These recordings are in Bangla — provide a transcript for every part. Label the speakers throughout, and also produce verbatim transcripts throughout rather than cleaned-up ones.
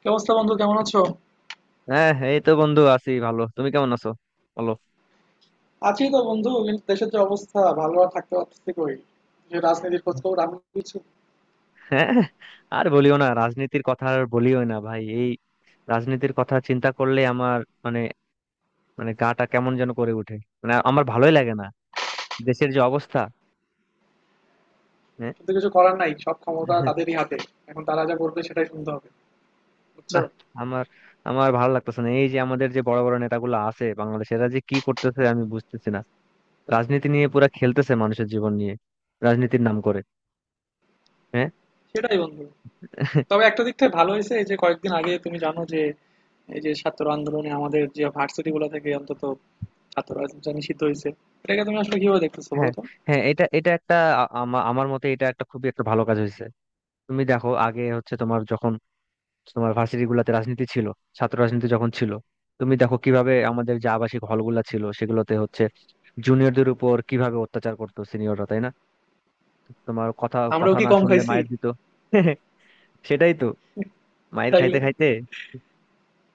Speaker 1: কি অবস্থা বন্ধু? কেমন আছো?
Speaker 2: হ্যাঁ, এই তো বন্ধু, আছি ভালো। তুমি কেমন আছো বলো।
Speaker 1: আছি তো বন্ধু, কিন্তু দেশের যে অবস্থা, ভালো আর থাকতে পারতেছি কই, যে রাজনীতির খোঁজ খবর আমি কিছু।
Speaker 2: হ্যাঁ, আর বলিও না রাজনীতির কথা, আর বলিও না ভাই। এই রাজনীতির কথা চিন্তা করলে আমার মানে মানে গাটা কেমন যেন করে ওঠে। মানে আমার ভালোই লাগে না, দেশের যে অবস্থা। হ্যাঁ।
Speaker 1: কিন্তু কিছু করার নাই, সব ক্ষমতা তাদেরই হাতে। এখন তারা যা বলবে সেটাই শুনতে হবে, বুঝছো?
Speaker 2: না, আমার আমার ভালো লাগতেছে না। এই যে আমাদের যে বড় বড় নেতাগুলো আছে বাংলাদেশে, এরা যে কি করতেছে আমি বুঝতেছি না। রাজনীতি নিয়ে পুরা খেলতেছে, মানুষের জীবন নিয়ে রাজনীতির নাম করে। হ্যাঁ।
Speaker 1: সেটাই বন্ধু। তবে একটা দিক থেকে ভালো হয়েছে, এই যে কয়েকদিন আগে তুমি জানো যে, এই যে ছাত্র আন্দোলনে আমাদের যে ভার্সিটি গুলো থেকে অন্তত ছাত্র রাজনীতিটা নিষিদ্ধ হয়েছে। এটাকে তুমি আসলে কিভাবে দেখতেছো বলো
Speaker 2: হ্যাঁ,
Speaker 1: তো?
Speaker 2: হ্যাঁ, এটা এটা একটা, আ- আমা- আমার মতে এটা একটা খুবই একটা ভালো কাজ হয়েছে। তুমি দেখো, আগে হচ্ছে তোমার যখন তোমার ভার্সিটি গুলাতে রাজনীতি ছিল, ছাত্র রাজনীতি যখন ছিল, তুমি দেখো কিভাবে আমাদের যে আবাসিক হলগুলা ছিল সেগুলোতে হচ্ছে জুনিয়রদের উপর কিভাবে অত্যাচার করতো সিনিয়ররা, তাই না? তোমার কথা কথা
Speaker 1: আমরাও কি
Speaker 2: না
Speaker 1: কম
Speaker 2: শুনলে
Speaker 1: খাইছি?
Speaker 2: মায়ের দিত। সেটাই তো, মায়ের খাইতে
Speaker 1: তাইলে।
Speaker 2: খাইতে।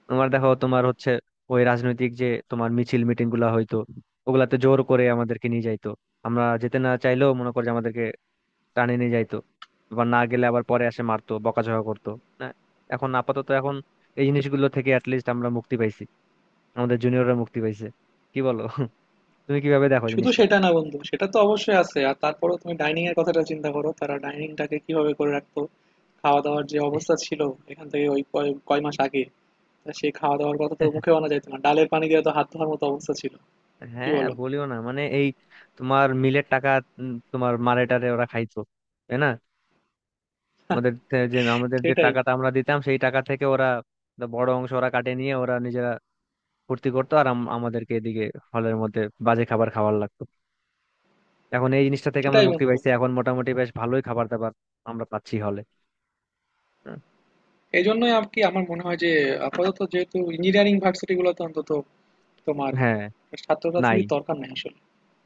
Speaker 2: তোমার দেখো, তোমার হচ্ছে ওই রাজনৈতিক যে তোমার মিছিল মিটিং গুলা হয়তো, ওগুলাতে জোর করে আমাদেরকে নিয়ে যাইতো। আমরা যেতে না চাইলেও মনে করো যে আমাদেরকে টানে নিয়ে যাইতো। এবার না গেলে আবার পরে এসে মারতো, বকাঝকা করতো। না, এখন আপাতত এখন এই জিনিসগুলো থেকে অ্যাটলিস্ট আমরা মুক্তি পাইছি, আমাদের জুনিয়ররা মুক্তি পাইছে। কি বলো? তুমি কিভাবে দেখো
Speaker 1: শুধু
Speaker 2: জিনিসটা?
Speaker 1: সেটা না বন্ধু, সেটা তো অবশ্যই আছে। আর তারপরেও তুমি ডাইনিং এর কথাটা চিন্তা করো, তারা ডাইনিংটাকে কিভাবে করে রাখতো, খাওয়া দাওয়ার যে অবস্থা ছিল এখান থেকে ওই কয় কয় মাস আগে। তা সেই খাওয়া দাওয়ার কথা তো মুখে আনা যাইতো না, ডালের পানি দিয়ে তো হাত ধোয়ার মতো অবস্থা ছিল। কি
Speaker 2: হ্যাঁ, আর
Speaker 1: বলো?
Speaker 2: বলিও না, মানে এই তোমার মিলের টাকা, উম, তোমার মারেটারে ওরা খাইতো, তাই না? আমাদের তে- যে আমাদের যে
Speaker 1: সেটাই।
Speaker 2: টাকাটা আমরা দিতাম, সেই টাকা থেকে ওরা একটা বড় অংশ ওরা কাটে নিয়ে ওরা নিজেরা ফুর্তি করতো, আর আম- আমাদেরকে এদিকে হলের মধ্যে বাজে খাবার খাওয়ার লাগতো। এখন এই জিনিসটা থেকে আমরা
Speaker 1: সেটাই
Speaker 2: মুক্তি
Speaker 1: বন্ধু।
Speaker 2: পাইছি, এখন মোটামুটি বেশ ভালোই খাবার দাবার আমরা পাচ্ছি হলে।
Speaker 1: এই জন্যই আর কি, আমার মনে হয় যে আপাতত যেহেতু ইঞ্জিনিয়ারিং ভার্সিটি গুলোতে অন্তত, তোমার
Speaker 2: হ্যাঁ।
Speaker 1: ছাত্র
Speaker 2: নাই।
Speaker 1: রাজনীতির দরকার নাই আসলে।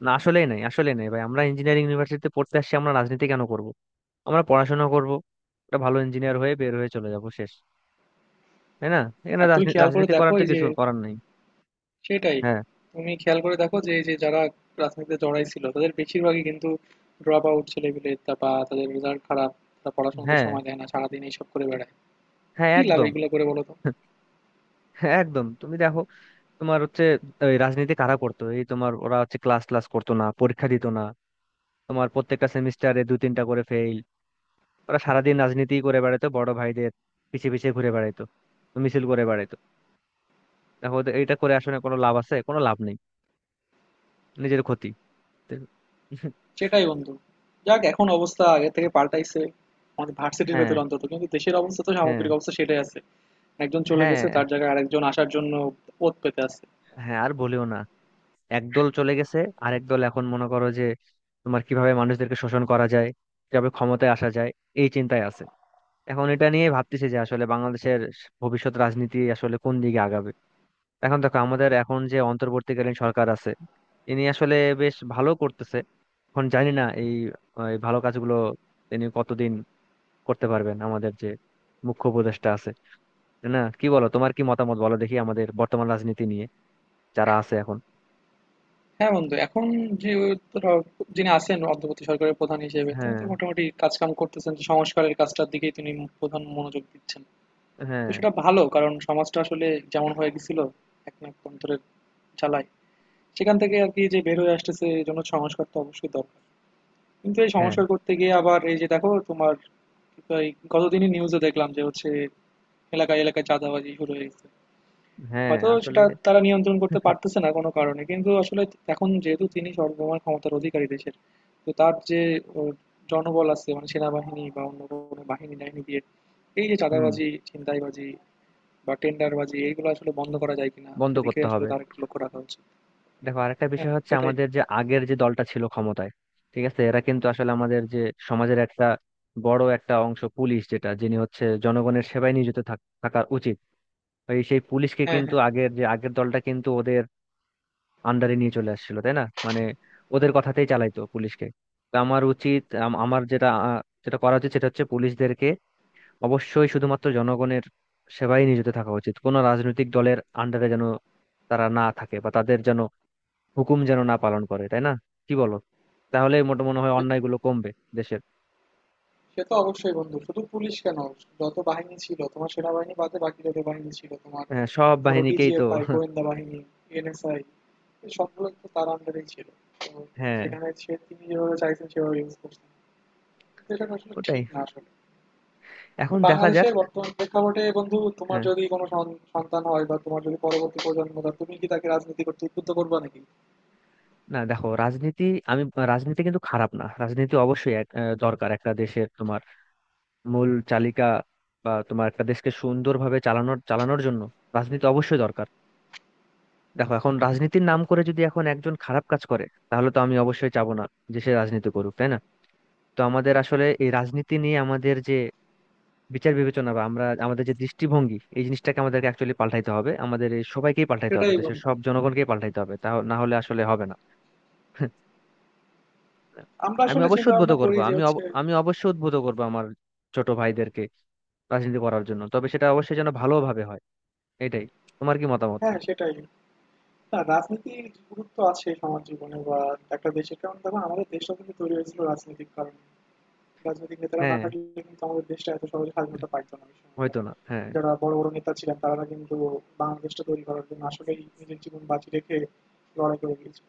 Speaker 2: না, আসলেই নাই, আসলেই নাই ভাই। আমরা ইঞ্জিনিয়ারিং ইউনিভার্সিটিতে পড়তে আসছি, আমরা রাজনীতি কেন করব? আমরা পড়াশোনা করব, একটা ভালো ইঞ্জিনিয়ার হয়ে বের হয়ে চলে যাব, শেষ। তাই না? এখানে
Speaker 1: আর তুমি
Speaker 2: রাজনী-
Speaker 1: খেয়াল করে
Speaker 2: রাজনীতি
Speaker 1: দেখো
Speaker 2: করার তো
Speaker 1: এই যে,
Speaker 2: কিছু করার নাই।
Speaker 1: সেটাই।
Speaker 2: হ্যাঁ,
Speaker 1: তুমি খেয়াল করে দেখো যে এই যে যারা রাজনীতিতে জড়াই ছিল তাদের বেশিরভাগই কিন্তু ড্রপ আউট ছেলেপিলে, তা বা তাদের রেজাল্ট খারাপ, তারা পড়াশোনাতে
Speaker 2: হ্যাঁ,
Speaker 1: সময় দেয় না, সারাদিন এইসব করে বেড়ায়।
Speaker 2: হ্যাঁ
Speaker 1: কি লাভ
Speaker 2: একদম।
Speaker 1: এইগুলো করে বলো তো?
Speaker 2: হ্যাঁ, একদম। তুমি দেখো, তোমার হচ্ছে ওই রাজনীতি কারা করতো? এই তোমার ওরা হচ্ছে ক্লাস ক্লাস করতো না, পরীক্ষা দিত না, তোমার প্রত্যেকটা সেমিস্টারে দু তিনটা করে ফেল। ওরা সারাদিন রাজনীতি করে বেড়াতো, বড় ভাইদের পিছে পিছে ঘুরে বেড়াইতো, মিছিল করে বেড়াইতো। দেখো, ওদের- এইটা করে আসলে কোনো লাভ আছে? কোনো লাভ নেই, নিজের ক্ষতি। তো
Speaker 1: সেটাই বন্ধু। যাক, এখন অবস্থা আগে থেকে পাল্টাইছে আমাদের ভার্সিটির
Speaker 2: হ্যাঁ,
Speaker 1: ভেতরে অন্তত, কিন্তু দেশের অবস্থা তো,
Speaker 2: হ্যাঁ,
Speaker 1: সামগ্রিক অবস্থা সেটাই আছে। একজন চলে গেছে,
Speaker 2: হ্যাঁ।
Speaker 1: তার জায়গায় আরেকজন আসার জন্য পথ পেতে আছে।
Speaker 2: হ্যাঁ, আর বলিও না। একদল চলে গেছে, আরেক দল এখন মনে করো যে তোমার কিভাবে মানুষদেরকে শোষণ করা যায়, কিভাবে ক্ষমতায় আসা যায়, এই চিন্তায় আছে। এখন এটা নিয়ে ভাবতেছি যে আসলে বাংলাদেশের ভবিষ্যৎ রাজনীতি আসলে কোন দিকে আগাবে। এখন দেখো, আমাদের এখন যে অন্তর্বর্তীকালীন সরকার আছে, ইনি আসলে বেশ ভালো করতেছে। এখন জানি না এই এই ভালো কাজগুলো তিনি কতদিন করতে পারবেন, আমাদের যে মুখ্য উপদেষ্টা আছে। তাই না? কি বলো, তোমার কি মতামত, বলো দেখি, আমাদের বর্তমান রাজনীতি নিয়ে যারা আছে এখন।
Speaker 1: হ্যাঁ বন্ধু, এখন যে, ধরো, যিনি আছেন অন্তর্বর্তী সরকারের প্রধান হিসেবে তিনি
Speaker 2: হ্যাঁ,
Speaker 1: তো মোটামুটি কাজকাম করতেছেন, যে সংস্কারের কাজটার দিকেই তিনি প্রধান মনোযোগ দিচ্ছেন। তো
Speaker 2: হ্যাঁ,
Speaker 1: সেটা ভালো, কারণ সমাজটা আসলে যেমন হয়ে গেছিল এক নাকতন্ত্রের জ্বালায়, সেখান থেকে আর কি যে বের হয়ে আসতেছে, এই জন্য সংস্কার তো অবশ্যই দরকার। কিন্তু এই
Speaker 2: হ্যাঁ।
Speaker 1: সংস্কার করতে গিয়ে আবার এই যে দেখো তোমার, এই গতদিনই নিউজে দেখলাম যে হচ্ছে এলাকায় এলাকায় চাঁদাবাজি শুরু হয়ে গেছে।
Speaker 2: হ্যাঁ,
Speaker 1: হয়তো
Speaker 2: আসলে।
Speaker 1: সেটা তারা নিয়ন্ত্রণ করতে পারতেছে না কোনো কারণে, কিন্তু আসলে এখন যেহেতু তিনি সর্বময় ক্ষমতার অধিকারী দেশের, তো তার যে ও, জনবল আছে, মানে সেনাবাহিনী বা অন্য কোনো বাহিনী টাহিনী দিয়ে এই যে
Speaker 2: হুম।
Speaker 1: চাঁদাবাজি ছিনতাইবাজি বা টেন্ডারবাজি এইগুলো আসলে বন্ধ করা যায় কিনা,
Speaker 2: বন্ধ
Speaker 1: সেদিকে
Speaker 2: করতে
Speaker 1: আসলে
Speaker 2: হবে।
Speaker 1: তার একটু লক্ষ্য রাখা উচিত।
Speaker 2: দেখো, আরেকটা
Speaker 1: হ্যাঁ,
Speaker 2: বিষয় হচ্ছে
Speaker 1: সেটাই।
Speaker 2: আমাদের যে আগের যে দলটা ছিল ক্ষমতায়, ঠিক আছে, এরা কিন্তু আসলে আমাদের যে সমাজের একটা বড় একটা অংশ পুলিশ, যেটা যিনি হচ্ছে জনগণের সেবায় নিয়োজিত থাক- থাকা উচিত, এই সেই পুলিশকে
Speaker 1: হ্যাঁ,
Speaker 2: কিন্তু
Speaker 1: হ্যাঁ।
Speaker 2: আগের যে আগের দলটা কিন্তু ওদের আন্ডারে নিয়ে চলে আসছিল, তাই না? মানে ওদের কথাতেই চালাইতো পুলিশকে। তো আমার উচিত, আম- আমার যেটা, আহ, যেটা করা উচিত সেটা হচ্ছে পুলিশদেরকে অবশ্যই শুধুমাত্র জনগণের সেবায় নিয়োজিত থাকা উচিত, কোনো রাজনৈতিক দলের আন্ডারে যেন তারা না থাকে বা তাদের যেন হুকুম যেন না পালন করে। তাই না? কি বলো? তাহলে মোটা মনে হয়
Speaker 1: সে তো-
Speaker 2: অন্যায়গুলো কমবে দেশের।
Speaker 1: সে তো অবশ্যই বন্ধু, শুধু পুলিশ কেন? যত বাহিনী ছিল তোমার, সেনাবাহিনী বাদে বাকি যত বাহিনী ছিল তোমার,
Speaker 2: হ্যাঁ, সব
Speaker 1: ধরো
Speaker 2: বাহিনীকেই তো।
Speaker 1: ডিজিএফআই গোয়েন্দা বাহিনী, এনএসআই, সবগুলো তো তার আন্ডারেই ছিল। তো
Speaker 2: হ্যাঁ,
Speaker 1: সেখানে সে তিনি যেভাবে চাইছেন সেভাবে ইউজ করছেন, কিন্তু এটা আসলে
Speaker 2: ওটাই।
Speaker 1: ঠিক না আসলে। তো
Speaker 2: এখন দেখা যাক।
Speaker 1: বাংলাদেশের বর্তমান প্রেক্ষাপটে বন্ধু, তোমার
Speaker 2: হ্যাঁ,
Speaker 1: যদি কোনো সন- সন্তান হয় বা তোমার যদি পরবর্তী প্রজন্ম, তা তুমি কি তাকে রাজনীতি করতে উদ্বুদ্ধ করবা নাকি?
Speaker 2: না দেখো, রাজনীতি, আমি, রাজনীতি কিন্তু খারাপ না। রাজনীতি অবশ্যই এক- আহ, দরকার একটা দেশের, তোমার মূল চালিকা, বা তোমার একটা দেশকে সুন্দরভাবে চালানোর চালানোর জন্য রাজনীতি অবশ্যই দরকার। দেখো, এখন রাজনীতির নাম করে যদি এখন একজন খারাপ কাজ করে, তাহলে তো আমি অবশ্যই চাবো না যে সে রাজনীতি করুক, তাই না? তো আমাদের আসলে এই রাজনীতি নিয়ে আমাদের যে বিচার বিবেচনা, বা আমরা আমাদের যে দৃষ্টিভঙ্গি, এই জিনিসটাকে আমাদেরকে অ্যাকচুয়ালি পাল্টাইতে হবে, আমাদের এই সবাইকেই পাল্টাইতে হবে,
Speaker 1: সেটাই
Speaker 2: দেশের
Speaker 1: বন্ধু।
Speaker 2: সব জনগণকেই পাল্টাইতে হবে, তা না হলে আসলে হবে না।
Speaker 1: আমরা
Speaker 2: আমি
Speaker 1: আসলে
Speaker 2: অবশ্যই
Speaker 1: চিন্তা
Speaker 2: উদ্বুদ্ধ
Speaker 1: ভাবনা
Speaker 2: করব,
Speaker 1: করি যে
Speaker 2: আমি
Speaker 1: হচ্ছে,
Speaker 2: অব- আমি অবশ্যই উদ্বুদ্ধ করব আমার ছোট ভাইদেরকে রাজনীতি করার জন্য, তবে সেটা অবশ্যই যেন ভালোভাবে হয়। এটাই। তোমার কি মতামত?
Speaker 1: হ্যাঁ সেটাই। না, রাজনীতির গুরুত্ব আছে সমাজ জীবনে বা একটা দেশের, কারণ দেখো আমাদের দেশটা কিন্তু তৈরি হয়েছিল রাজনৈতিক কারণে। রাজনৈতিক নেতারা না
Speaker 2: হ্যাঁ,
Speaker 1: থাকলে কিন্তু আমাদের দেশটা এত সহজে স্বাধীনতা পাইতো না ওই সময়কার।
Speaker 2: হয়তো না, হ্যাঁ
Speaker 1: যারা বড়, বড় নেতা ছিলেন তারা কিন্তু বাংলাদেশটা তৈরি করার জন্য আসলেই নিজের জীবন বাজি রেখে লড়াই করে গিয়েছিল।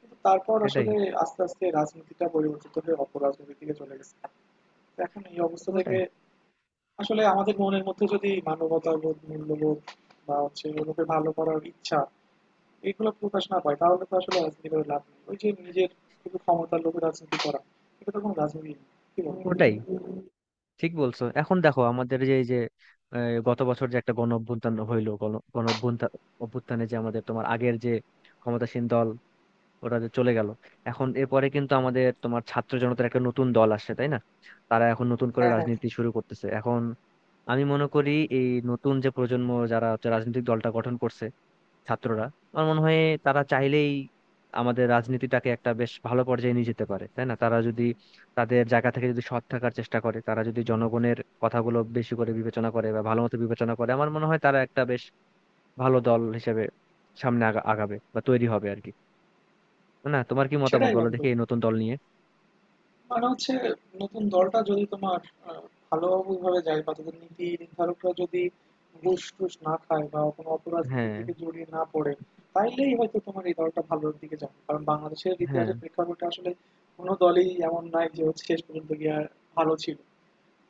Speaker 1: কিন্তু তারপর
Speaker 2: সেটাই।
Speaker 1: আসলে আস্তে, আস্তে রাজনীতিটা পরিবর্তিত হয়ে অপরাজনীতির দিকে চলে গেছে। তো এখন এই অবস্থা থেকে
Speaker 2: ওটাই।
Speaker 1: আসলে আমাদের মনের মধ্যে যদি মানবতাবোধ, মূল্যবোধ, বা হচ্ছে অন্যকে ভালো করার ইচ্ছা এগুলো প্রকাশ না পায়, তাহলে তো আসলে রাজনীতি করে লাভ নেই। ওই যে নিজের শুধু ক্ষমতার লোভে রাজনীতি করা, এটা তো কোনো রাজনীতি না। কি বলো?
Speaker 2: ওটাই,
Speaker 1: হুম।
Speaker 2: ঠিক বলছো। এখন দেখো, আমাদের যে এই যে আহ, গত বছর যে একটা গণ অভ্যুত্থান হইলো, গণ গণ অভ্যুত্থান- অভ্যুত্থানে যে আমাদের তোমার আগের যে ক্ষমতাসীন দল, ওরা যে চলে গেল, এখন এরপরে কিন্তু আমাদের তোমার ছাত্র জনতার একটা নতুন দল আসছে, তাই না? তারা এখন নতুন করে
Speaker 1: হ্যাঁ, হ্যাঁ, হ্যাঁ।
Speaker 2: রাজনীতি শুরু করতেছে। এখন আমি মনে করি এই নতুন যে প্রজন্ম যারা হচ্ছে রাজনৈতিক দলটা গঠন করছে, ছাত্ররা, আমার মনে হয় তারা চাইলেই আমাদের রাজনীতিটাকে একটা বেশ ভালো পর্যায়ে নিয়ে যেতে পারে, তাই না? তারা যদি তাদের জায়গা থেকে যদি সৎ থাকার চেষ্টা করে, তারা যদি জনগণের কথাগুলো বেশি করে বিবেচনা করে বা ভালো মতো বিবেচনা করে, আমার মনে হয় তারা একটা বেশ ভালো দল হিসেবে সামনে আগা- আগাবে বা তৈরি হবে, আর কি। না, তোমার কি মতামত,
Speaker 1: সেটাই
Speaker 2: বলো
Speaker 1: বন্ধু,
Speaker 2: দেখি এই নতুন দল নিয়ে।
Speaker 1: মানে হচ্ছে নতুন দলটা যদি তোমার আহ, ভালোভাবে যায়, বা তাদের নীতি নির্ধারকরা যদি ঘুষ টুস না খায় বা কোনো অপরাজনীতির
Speaker 2: হ্যাঁ,
Speaker 1: দিকে জড়িয়ে না পড়ে, তাইলেই হয়তো তোমার এই দলটা ভালোর দিকে যাবে, কারণ বাংলাদেশের
Speaker 2: হ্যাঁ,
Speaker 1: ইতিহাসের প্রেক্ষাপটে আসলে কোনো দলই এমন নাই যে হচ্ছে শেষ পর্যন্ত গিয়ে আর ভালো ছিল।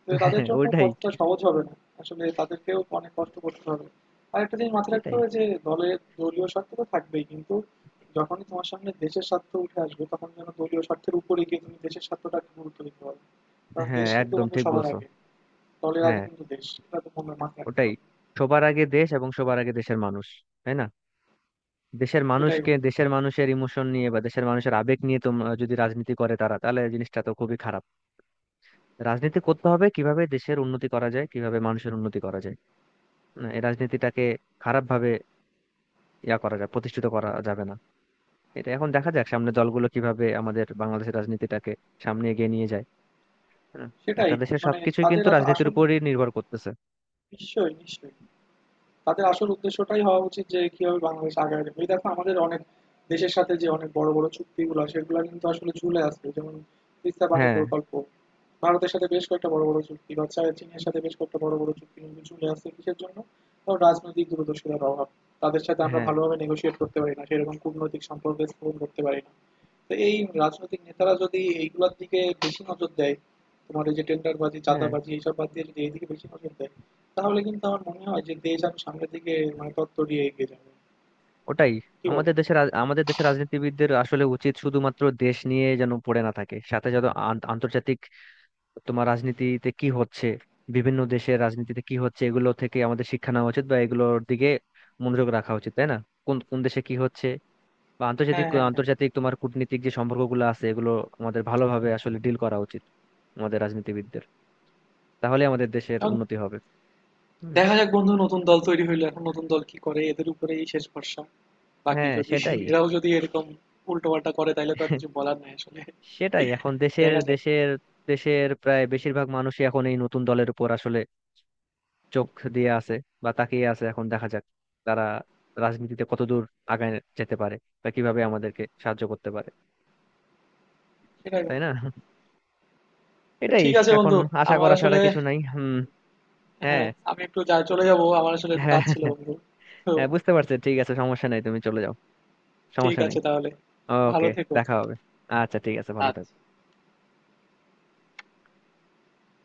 Speaker 1: তো তাদের
Speaker 2: হ্যাঁ।
Speaker 1: জন্য
Speaker 2: ওইটাই।
Speaker 1: পথটা সহজ হবে না, আসলে তাদেরকেও অনেক কষ্ট করতে হবে। আর একটা জিনিস মাথায় রাখতে
Speaker 2: এটাই।
Speaker 1: হবে যে, দলের দলীয় স্বার্থ তো থাকবেই, কিন্তু যখনই তোমার সামনে দেশের স্বার্থ উঠে আসবে তখন যেন দলীয় স্বার্থের উপরে গিয়ে তুমি দেশের স্বার্থটাকে গুরুত্ব দিতে পারো, কারণ
Speaker 2: হ্যাঁ,
Speaker 1: দেশ কিন্তু
Speaker 2: একদম
Speaker 1: বন্ধু
Speaker 2: ঠিক
Speaker 1: সবার
Speaker 2: বলছো।
Speaker 1: আগে, দলের আগে
Speaker 2: হ্যাঁ,
Speaker 1: কিন্তু দেশ, এটা তো মনে মাথায় রাখতে
Speaker 2: ওটাই।
Speaker 1: হবে।
Speaker 2: সবার আগে দেশ এবং সবার আগে দেশের মানুষ, তাই না? দেশের
Speaker 1: সেটাই
Speaker 2: মানুষকে,
Speaker 1: বন্ধু।
Speaker 2: দেশের মানুষের ইমোশন নিয়ে বা দেশের মানুষের আবেগ নিয়ে তোমরা যদি রাজনীতি করে তারা, তাহলে জিনিসটা তো খুবই খারাপ। রাজনীতি করতে হবে কিভাবে দেশের উন্নতি করা যায়, কিভাবে মানুষের উন্নতি করা যায়। না, এই রাজনীতিটাকে খারাপ ভাবে ইয়া করা যায়, প্রতিষ্ঠিত করা যাবে না। এটা, এখন দেখা যাক সামনে দলগুলো কিভাবে আমাদের বাংলাদেশের রাজনীতিটাকে সামনে এগিয়ে নিয়ে যায়। হুম।
Speaker 1: সেটাই,
Speaker 2: একটা দেশের
Speaker 1: মানে
Speaker 2: সবকিছুই
Speaker 1: তাদের
Speaker 2: কিন্তু
Speaker 1: আস-
Speaker 2: রাজনীতির
Speaker 1: আসল
Speaker 2: উপরই নির্ভর করতেছে।
Speaker 1: নিশ্চয়ই, নিশ্চয়ই, তাদের আসল উদ্দেশ্যটাই হওয়া উচিত যে কিভাবে বাংলাদেশ আগায় যাবে। এই দেখো, আমাদের অনেক দেশের সাথে যে অনেক বড় বড় চুক্তিগুলো, সেগুলো কিন্তু আসলে ঝুলে আছে, যেমন তিস্তা পানি
Speaker 2: হ্যাঁ,
Speaker 1: প্রকল্প, ভারতের সাথে বেশ কয়েকটা বড় বড় চুক্তি, বা চা- চীনের সাথে বেশ কয়েকটা বড় বড় চুক্তি কিন্তু ঝুলে আছে কিসের জন্য? কারণ রাজনৈতিক দূরদর্শিতার অভাব। তাদের সাথে আমরা
Speaker 2: হ্যাঁ,
Speaker 1: ভালোভাবে নেগোশিয়েট করতে পারি না, সেরকম কূটনৈতিক সম্পর্ক স্থাপন করতে পারি না। তো এই রাজনৈতিক নেতারা যদি এইগুলোর দিকে বেশি নজর দেয়, তোমার এই যে টেন্ডারবাজি
Speaker 2: হ্যাঁ।
Speaker 1: চাঁদাবাজি এইসব বাদ দিয়ে যদি এইদিকে বেশি নজর দেয়, তাহলে কিন্তু আমার মনে হয় যে দেশ আমি সামনের দিকে, মানে তত্তরিয়ে এগিয়ে যাবে।
Speaker 2: ওটাই।
Speaker 1: কি বল?
Speaker 2: আমাদের দেশের রাজ- আমাদের দেশের রাজনীতিবিদদের আসলে উচিত শুধুমাত্র দেশ নিয়ে যেন পড়ে না থাকে, সাথে যেন আন- আন্তর্জাতিক তোমার রাজনীতিতে কি হচ্ছে, বিভিন্ন দেশের রাজনীতিতে কি হচ্ছে, এগুলো থেকে আমাদের শিক্ষা নেওয়া উচিত বা এগুলোর দিকে মনোযোগ রাখা উচিত, তাই না? কোন কোন দেশে কি হচ্ছে, বা আন্তর্জাতিক
Speaker 1: হ্যাঁ, হ্যাঁ, হ্যাঁ।
Speaker 2: আন্তর্জাতিক তোমার কূটনীতিক যে সম্পর্কগুলো আছে, এগুলো আমাদের ভালোভাবে আসলে ডিল করা উচিত, আমাদের রাজনীতিবিদদের। তাহলে আমাদের দেশের
Speaker 1: এখন
Speaker 2: উন্নতি হবে। হুম।
Speaker 1: দেখা যাক বন্ধু, নতুন দল তৈরি হইলো, এখন নতুন দল কি করে, এদের উপরেই শেষ ভরসা। বাকি
Speaker 2: হ্যাঁ
Speaker 1: যদি
Speaker 2: সেটাই।
Speaker 1: এরাও যদি এরকম উল্টো পাল্টা করে, তাহলে তো আর কিছু বলার নাই আসলে।
Speaker 2: সেটাই। এখন দেশের
Speaker 1: দেখা যাক।
Speaker 2: দেশের দেশের প্রায় বেশিরভাগ মানুষই এখন এই নতুন দলের উপর আসলে চোখ দিয়ে আছে বা তাকিয়ে আছে। এখন দেখা যাক তারা রাজনীতিতে কতদূর আগায় যেতে পারে বা কিভাবে আমাদেরকে সাহায্য করতে পারে।
Speaker 1: সেটাই
Speaker 2: তাই
Speaker 1: বন্ধু।
Speaker 2: না?
Speaker 1: তো
Speaker 2: এটাই।
Speaker 1: ঠিক আছে
Speaker 2: এখন
Speaker 1: বন্ধু।
Speaker 2: আশা
Speaker 1: আমার
Speaker 2: করা ছাড়া
Speaker 1: আসলে,
Speaker 2: কিছু নাই। হুম। হ্যাঁ,
Speaker 1: হ্যাঁ, আমি একটু যা চলে যাব, আমার আসলে একটু কাজ ছিল
Speaker 2: হ্যাঁ।
Speaker 1: বন্ধু। তো
Speaker 2: হ্যাঁ, বুঝতে পারছি, ঠিক আছে, সমস্যা নেই, তুমি চলে যাও,
Speaker 1: ঠিক
Speaker 2: সমস্যা নেই।
Speaker 1: আছে তাহলে, ভালো
Speaker 2: ওকে,
Speaker 1: থেকো
Speaker 2: দেখা
Speaker 1: তুমি।
Speaker 2: হবে। আচ্ছা, ঠিক আছে, ভালো থেকো।
Speaker 1: আচ্ছা।